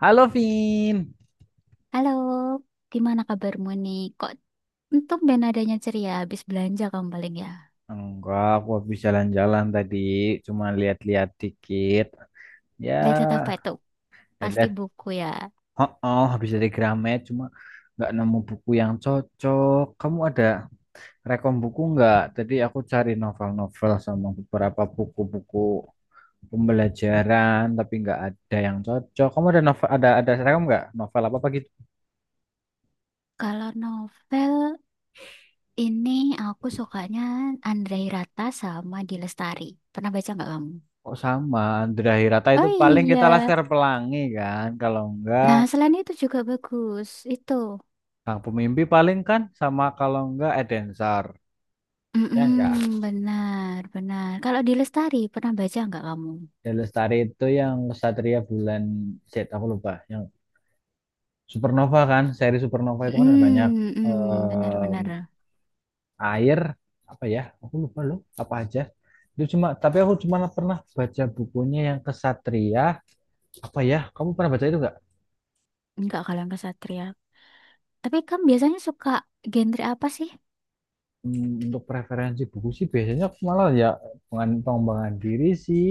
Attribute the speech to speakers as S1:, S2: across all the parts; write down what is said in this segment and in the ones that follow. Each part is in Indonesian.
S1: Halo, Vin.
S2: Halo, gimana kabarmu nih? Kok untung ben adanya ceria habis belanja kamu paling ya?
S1: Enggak, aku habis jalan-jalan tadi, cuma lihat-lihat dikit. Ya,
S2: Lihat apa itu?
S1: ya
S2: Pasti
S1: lihat
S2: buku ya.
S1: Oh, oh, habis dari Gramet, cuma nggak nemu buku yang cocok. Kamu ada rekom buku nggak? Tadi aku cari novel-novel sama beberapa buku-buku pembelajaran, tapi nggak ada yang cocok. Kamu ada novel, ada rekom nggak? Novel apa apa gitu?
S2: Kalau novel ini aku sukanya Andrei Rata sama Di Lestari. Pernah baca nggak kamu?
S1: Oh sama, Andra Hirata
S2: Oh
S1: itu paling
S2: iya.
S1: kita Laskar Pelangi kan? Kalau enggak
S2: Nah, selain itu juga bagus. Itu.
S1: Kang Pemimpi paling kan sama kalau enggak Edensor. Ya enggak.
S2: Mm-mm, benar, benar. Kalau Di Lestari pernah baca nggak kamu?
S1: Ya Lestari itu yang Satria Bulan Z aku lupa. Yang Supernova kan, seri Supernova itu kan ada banyak.
S2: Mm-mm, benar,
S1: Em,
S2: benar.
S1: Air apa ya? Aku lupa loh, apa aja. Itu cuma tapi aku cuma pernah baca bukunya yang Kesatria apa ya? Kamu pernah baca itu enggak?
S2: Nggak kalau yang kesatria. Tapi kamu biasanya suka genre apa sih?
S1: Untuk preferensi buku sih biasanya aku malah ya pengembangan pengembangan diri sih.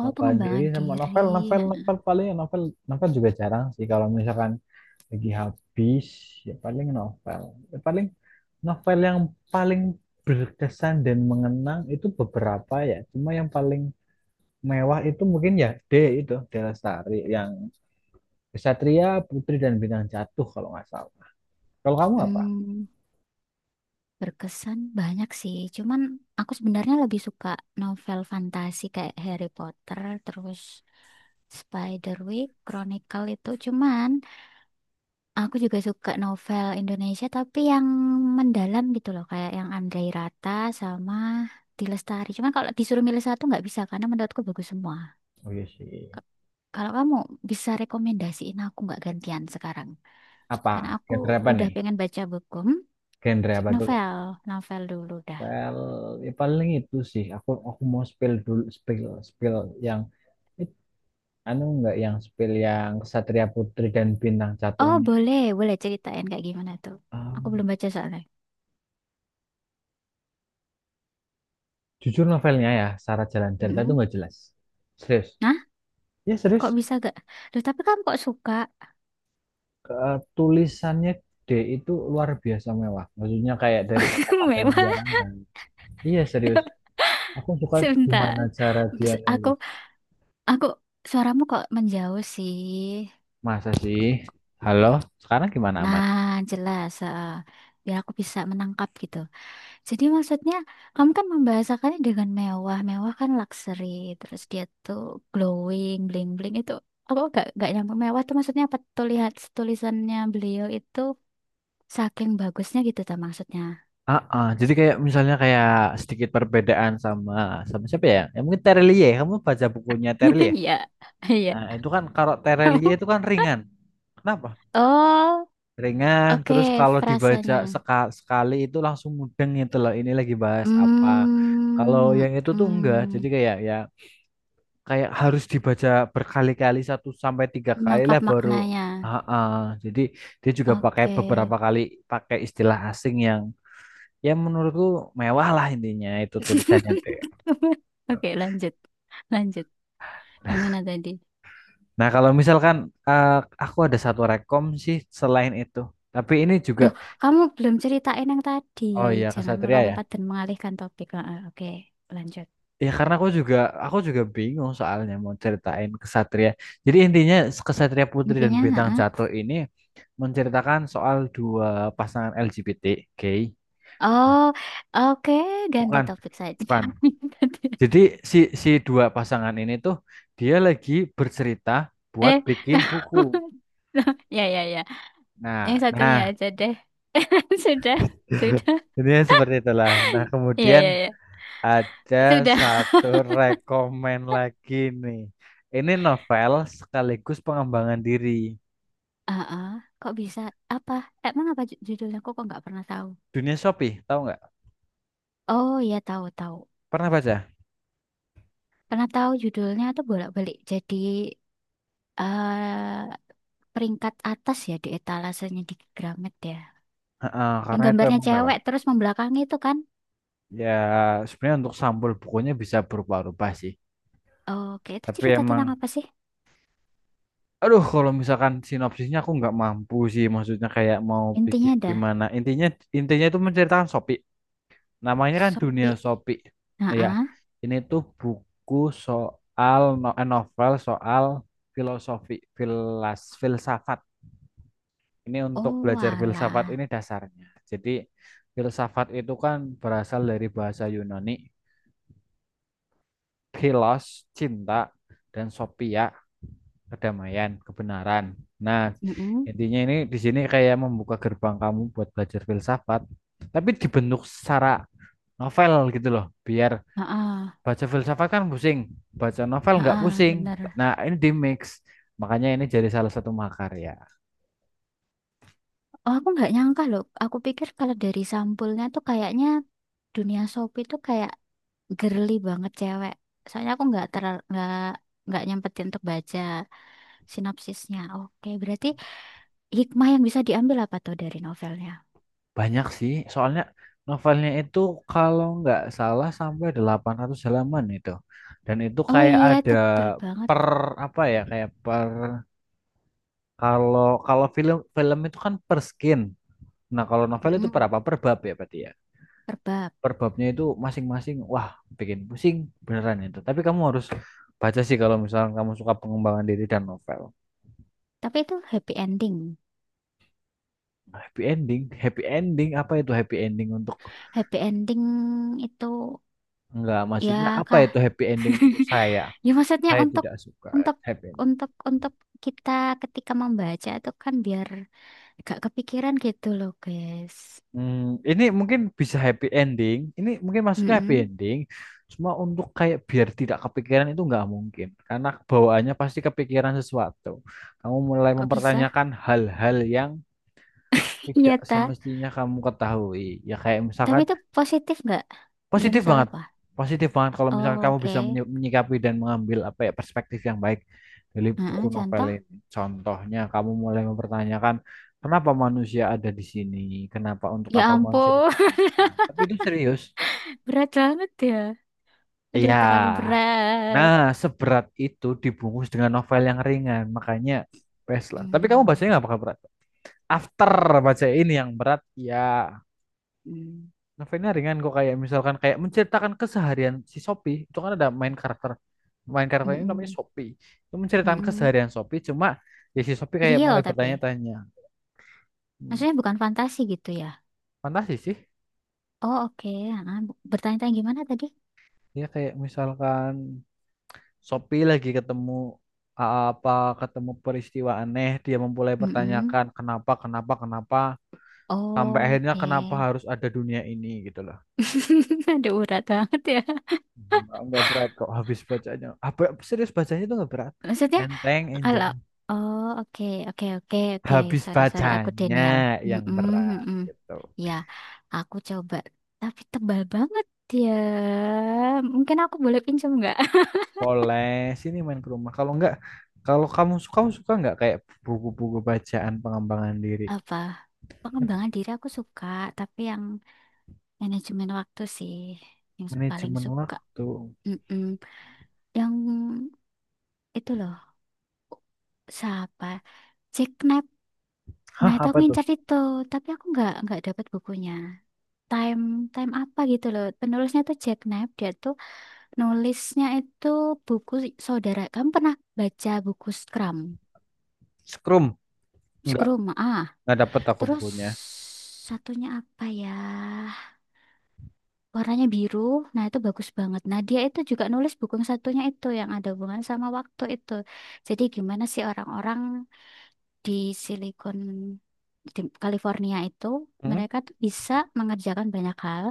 S2: Oh,
S1: Nova diri
S2: pengembangan
S1: sama
S2: diri.
S1: novel, novel,
S2: Heeh.
S1: novel paling novel, novel juga jarang sih kalau misalkan lagi habis, ya paling novel. Ya, paling novel yang paling berkesan dan mengenang itu beberapa ya, cuma yang paling mewah itu mungkin ya D, itu D Lestari yang Kesatria, Putri dan Bintang Jatuh kalau nggak salah. Kalau kamu apa?
S2: Hmm, Berkesan banyak sih. Cuman aku sebenarnya lebih suka novel fantasi kayak Harry Potter, terus Spiderwick, Chronicle itu. Cuman aku juga suka novel Indonesia tapi yang mendalam gitu loh, kayak yang Andrei Rata sama Di Cuman kalau disuruh milih satu nggak bisa karena menurutku bagus semua.
S1: Oh iya sih.
S2: K- Kalau kamu bisa rekomendasiin aku nggak gantian sekarang?
S1: Apa?
S2: Karena aku
S1: Genre apa
S2: udah
S1: nih?
S2: pengen baca buku.
S1: Genre apa dulu?
S2: Novel, novel dulu dah.
S1: Well, ya paling itu sih. Aku mau spill dulu, spill, yang Anu nggak, yang spill yang Satria Putri dan Bintang
S2: Oh,
S1: Jatuhnya.
S2: boleh, boleh ceritain kayak gimana tuh. Aku
S1: Em,
S2: belum baca soalnya.
S1: Jujur novelnya ya, secara jalan cerita itu
S2: Mm-mm.
S1: nggak jelas. Serius.
S2: Nah,
S1: Ya serius.
S2: kok bisa gak? Duh, tapi kamu kok suka?
S1: Tulisannya D itu luar biasa mewah. Maksudnya kayak dari kata-kata yang
S2: Mewah.
S1: diarangkan. Iya serius. Aku suka
S2: Sebentar.
S1: gimana cara dia
S2: Bes-
S1: nulis.
S2: Aku, aku, suaramu kok menjauh sih.
S1: Masa sih? Halo, sekarang gimana aman?
S2: Nah, jelas. Biar aku bisa menangkap gitu. Jadi maksudnya kamu kan membahasakannya dengan mewah. Mewah kan luxury. Terus dia tuh glowing, bling-bling itu. Aku gak nyampe mewah tuh maksudnya apa tuh lihat tulisannya beliau itu saking bagusnya gitu tuh maksudnya.
S1: Ah, ah. Jadi kayak misalnya kayak sedikit perbedaan sama sama siapa ya? Ya mungkin Terlie. Kamu baca bukunya Terlie?
S2: Iya, iya.
S1: Nah, itu kan kalau Terelie itu kan ringan. Kenapa?
S2: Oh,
S1: Ringan,
S2: oke
S1: terus kalau dibaca
S2: frasanya.
S1: sekali itu langsung mudeng gitu loh. Ini lagi bahas apa. Kalau
S2: Hmm,
S1: yang itu tuh enggak. Jadi
S2: hmm,
S1: kayak ya kayak harus dibaca berkali-kali, satu sampai tiga kali
S2: Menangkap
S1: lah baru.
S2: maknanya.
S1: Ah, ah. Jadi dia juga pakai
S2: Oke.
S1: beberapa kali pakai istilah asing yang ya menurutku mewah lah, intinya itu tulisannya tuh, ya.
S2: Oke, lanjut. Lanjut. Gimana tadi?
S1: Nah, kalau misalkan eh, aku ada satu rekom sih selain itu. Tapi ini
S2: Duh,
S1: juga.
S2: kamu belum ceritain yang tadi.
S1: Oh iya,
S2: Jangan
S1: kesatria ya.
S2: melompat dan mengalihkan topik. Heeh, oke, lanjut.
S1: Ya karena aku juga bingung soalnya mau ceritain kesatria. Jadi intinya kesatria putri dan
S2: Intinya,
S1: bintang
S2: heeh.
S1: jatuh ini menceritakan soal dua pasangan LGBT gay.
S2: Oh, oke, ganti
S1: Bukan,
S2: topik saja.
S1: bukan.
S2: Ganti-
S1: Jadi si si dua pasangan ini tuh dia lagi bercerita buat
S2: Eh,
S1: bikin buku.
S2: ya, ya, ya. Yang
S1: Nah,
S2: satunya
S1: nah,
S2: aja deh. Sudah, sudah.
S1: ini seperti itulah. Nah,
S2: Ya,
S1: kemudian
S2: ya, ya.
S1: ada
S2: Sudah.
S1: satu rekomen lagi nih. Ini novel sekaligus pengembangan diri.
S2: Heeh, kok bisa? Apa? Emang apa judulnya? Kok kok nggak pernah tahu?
S1: Dunia Shopee, tahu nggak?
S2: Oh, iya tahu, tahu.
S1: Pernah baca?
S2: Pernah tahu judulnya tuh bolak-balik. Jadi, eh peringkat atas ya di etalasenya di Gramet ya.
S1: Heeh,
S2: Yang
S1: karena itu
S2: gambarnya
S1: emang mewah.
S2: cewek terus membelakangi itu kan.
S1: Ya, sebenarnya untuk sampul bukunya bisa berubah-ubah sih.
S2: Oke, itu
S1: Tapi
S2: cerita tentang
S1: emang,
S2: apa sih?
S1: aduh kalau misalkan sinopsisnya aku nggak mampu sih. Maksudnya kayak mau bikin
S2: Intinya dah.
S1: gimana. Intinya intinya itu menceritakan Shopee. Namanya kan Dunia
S2: Sopi.
S1: Shopee. Ya,
S2: Heeh.
S1: ini tuh buku soal novel soal filosofi, filsafat. Ini untuk
S2: Oh,
S1: belajar filsafat
S2: alah.
S1: ini dasarnya. Jadi filsafat itu kan berasal dari bahasa Yunani, philos, cinta, dan sophia, kedamaian, kebenaran. Nah,
S2: Mm-mm.
S1: intinya ini di sini kayak membuka gerbang kamu buat belajar filsafat, tapi dibentuk secara novel gitu loh, biar.
S2: Heeh.
S1: Baca filsafat kan pusing, baca novel nggak
S2: Heeh,
S1: pusing.
S2: bener.
S1: Nah, ini di mix. Makanya ini jadi salah satu makarya.
S2: Oh, aku nggak nyangka loh. Aku pikir kalau dari sampulnya tuh kayaknya dunia Sopi tuh kayak girly banget cewek. Soalnya aku nggak ter nggak nggak nyempetin untuk baca sinopsisnya. Oke, berarti hikmah yang bisa diambil apa tuh dari novelnya?
S1: Banyak sih, soalnya novelnya itu kalau nggak salah sampai 800 halaman itu. Dan itu
S2: Oh
S1: kayak
S2: iya,
S1: ada
S2: tebel banget.
S1: per apa ya, kayak per, kalau kalau film film itu kan per skin. Nah, kalau novel itu per
S2: Mm-mm,
S1: apa? Per bab ya berarti ya.
S2: per bab.
S1: Per babnya itu masing-masing wah, bikin pusing beneran itu. Tapi kamu harus baca sih kalau misalnya kamu suka pengembangan diri dan novel.
S2: Tapi itu happy ending.
S1: Happy ending apa itu happy ending untuk
S2: Happy ending itu
S1: enggak, maksudnya
S2: ya
S1: apa
S2: kah?
S1: itu happy ending untuk saya?
S2: Ya maksudnya
S1: Saya tidak suka
S2: untuk
S1: happy ending.
S2: untuk kita ketika membaca itu kan biar gak kepikiran gitu loh, guys.
S1: Ini mungkin bisa happy ending. Ini mungkin maksudnya happy
S2: Mm-mm.
S1: ending. Cuma untuk kayak biar tidak kepikiran itu nggak mungkin. Karena bawaannya pasti kepikiran sesuatu. Kamu mulai
S2: Kok bisa?
S1: mempertanyakan hal-hal yang
S2: Iya
S1: tidak
S2: ta.
S1: semestinya kamu ketahui. Ya kayak
S2: Tapi
S1: misalkan.
S2: itu positif nggak? Ya
S1: Positif
S2: misalnya
S1: banget.
S2: apa?
S1: Positif banget kalau misalkan
S2: Oh,
S1: kamu bisa
S2: oke.
S1: menyikapi dan mengambil apa ya perspektif yang baik dari buku
S2: Heeh,
S1: novel
S2: contoh?
S1: ini. Contohnya kamu mulai mempertanyakan kenapa manusia ada di sini, kenapa untuk
S2: Ya
S1: apa manusia
S2: ampun,
S1: diciptakan. Tapi itu serius.
S2: berat banget ya. Aduh,
S1: Iya.
S2: terlalu berat.
S1: Nah, seberat itu dibungkus dengan novel yang ringan, makanya best lah. Tapi kamu bacanya
S2: Hmm.
S1: nggak bakal berat. After baca ini yang berat, ya.
S2: hmm.
S1: Novelnya ringan kok, kayak misalkan kayak menceritakan keseharian si Sophie, itu kan ada main karakter. Ini namanya
S2: Mm-mm,
S1: Sophie, itu menceritakan
S2: mm-mm.
S1: keseharian Sophie, cuma ya si Sophie kayak
S2: Real
S1: mulai
S2: tapi,
S1: bertanya-tanya. Hmm,
S2: maksudnya bukan fantasi gitu ya?
S1: Fantasi sih,
S2: Oh oke, ah, bertanya-tanya gimana tadi?
S1: dia kayak misalkan Sophie lagi ketemu a- apa ketemu peristiwa aneh, dia memulai
S2: Mm-mm.
S1: pertanyakan kenapa kenapa kenapa sampai
S2: Oh,
S1: akhirnya
S2: oke.
S1: kenapa harus ada dunia ini gitu loh.
S2: Ada urat banget ya.
S1: Nggak berat kok habis bacanya. Ah, serius bacanya itu nggak berat,
S2: Maksudnya
S1: enteng, enjoy
S2: kalau oh oke oke oke oke
S1: habis
S2: sorry, sorry aku
S1: bacanya,
S2: Daniel.
S1: yang
S2: Mm-mm,
S1: berat
S2: mm-mm.
S1: gitu.
S2: Ya aku coba tapi tebal banget ya. Mungkin aku boleh pinjam nggak?
S1: Boleh, sini main ke rumah. Kalau enggak, kalau kamu suka enggak kayak buku-buku bacaan pengembangan diri,
S2: Apa pengembangan diri aku suka tapi yang manajemen waktu sih yang paling
S1: manajemen
S2: suka.
S1: waktu.
S2: Mm-mm. Yang itu loh siapa? Jack Knapp. Nah
S1: Hah,
S2: itu aku
S1: apa tuh?
S2: ngincar itu, tapi aku nggak dapat bukunya. Time time apa gitu loh. Penulisnya tuh Jack Knapp. Dia tuh nulisnya itu buku saudara. Kamu pernah baca buku Scrum?
S1: Scrum? Enggak,
S2: Scrum ah.
S1: enggak dapet aku
S2: Terus
S1: bukunya.
S2: satunya apa ya? Warnanya biru. Nah, itu bagus banget. Nah, dia itu juga nulis buku yang satunya itu yang ada hubungan sama waktu itu. Jadi gimana sih orang-orang di Silicon di California itu
S1: Hmm?
S2: mereka tuh bisa mengerjakan banyak hal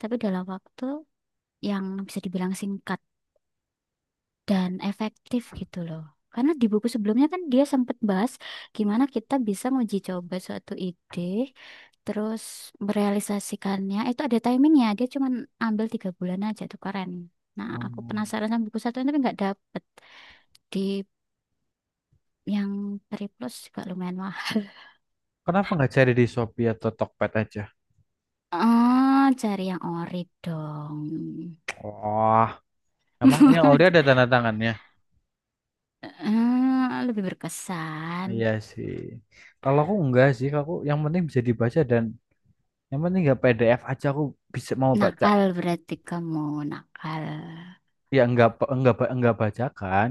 S2: tapi dalam waktu yang bisa dibilang singkat dan efektif gitu loh. Karena di buku sebelumnya kan dia sempat bahas gimana kita bisa uji coba suatu ide, terus merealisasikannya. Itu ada timingnya, dia cuma ambil 3 bulan aja tuh keren. Nah, aku
S1: Hmm.
S2: penasaran sama buku satu tapi nggak dapet. Di yang Peri Plus juga lumayan mahal.
S1: Kenapa enggak cari di Shopee atau Tokped aja?
S2: Oh, cari yang ori dong.
S1: Wah, emang yang Ori ada tanda tangannya?
S2: Eh, lebih berkesan.
S1: Iya sih. Kalau aku enggak sih, aku yang penting bisa dibaca dan yang penting enggak PDF aja aku bisa mau baca.
S2: Nakal berarti kamu nakal.
S1: Ya enggak pa- enggak ba- enggak bajakan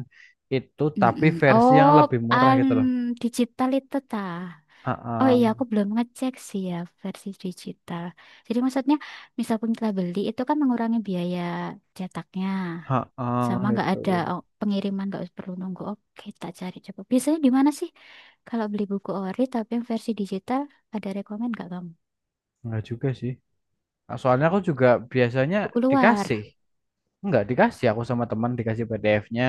S1: itu, tapi
S2: Mm-mm.
S1: versi yang
S2: Oh,
S1: lebih murah
S2: an
S1: gitu loh.
S2: digital itu ta. Oh
S1: Heeh,
S2: iya, aku belum ngecek sih ya versi digital. Jadi maksudnya, misalkan kita beli itu kan mengurangi biaya cetaknya,
S1: heeh,
S2: sama nggak
S1: gitu.
S2: ada oh, pengiriman nggak perlu nunggu. Oke, tak cari coba. Biasanya di mana sih kalau beli buku ori tapi yang versi digital ada rekomen nggak kamu?
S1: Enggak juga sih. Ah, soalnya aku juga biasanya
S2: Buku
S1: dikasih
S2: luar.
S1: enggak dikasih, aku sama teman dikasih PDF-nya,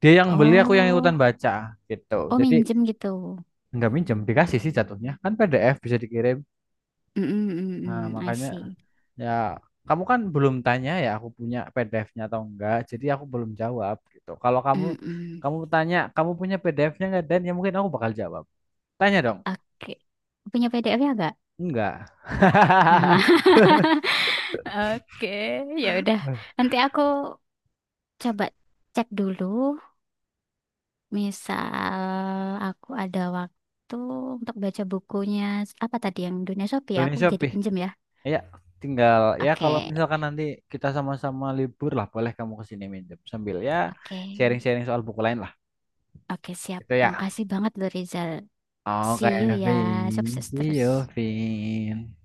S1: dia yang beli, aku yang ikutan
S2: Oh,
S1: baca gitu.
S2: oh
S1: Jadi
S2: minjem gitu.
S1: enggak minjem, dikasih sih jatuhnya. Kan PDF bisa dikirim, nah
S2: Mm-mm, mm-mm, I
S1: makanya.
S2: see.
S1: Ya, kamu kan belum tanya ya aku punya PDF-nya atau enggak. Jadi aku belum jawab gitu. Kalau kamu
S2: Mm-mm.
S1: kamu tanya, kamu punya PDF-nya enggak, dan ya mungkin aku bakal jawab. Tanya dong.
S2: Oke, punya PDF-nya nggak?
S1: Enggak.
S2: Nah, oke, ya udah. Nanti aku coba cek dulu. Misal aku ada waktu untuk baca bukunya apa tadi yang Dunia Sopi ya?
S1: Dunia
S2: Aku jadi
S1: Shopee.
S2: pinjem ya.
S1: Ya, tinggal ya kalau
S2: Oke,
S1: misalkan nanti kita sama-sama libur lah, boleh kamu ke sini minjem sambil ya
S2: oke.
S1: sharing-sharing soal buku lain lah.
S2: Oke, siap.
S1: Itu ya.
S2: Makasih banget loh Rizal. See you
S1: Oke,
S2: ya.
S1: Vin.
S2: Sukses
S1: See
S2: terus.
S1: you, Vin.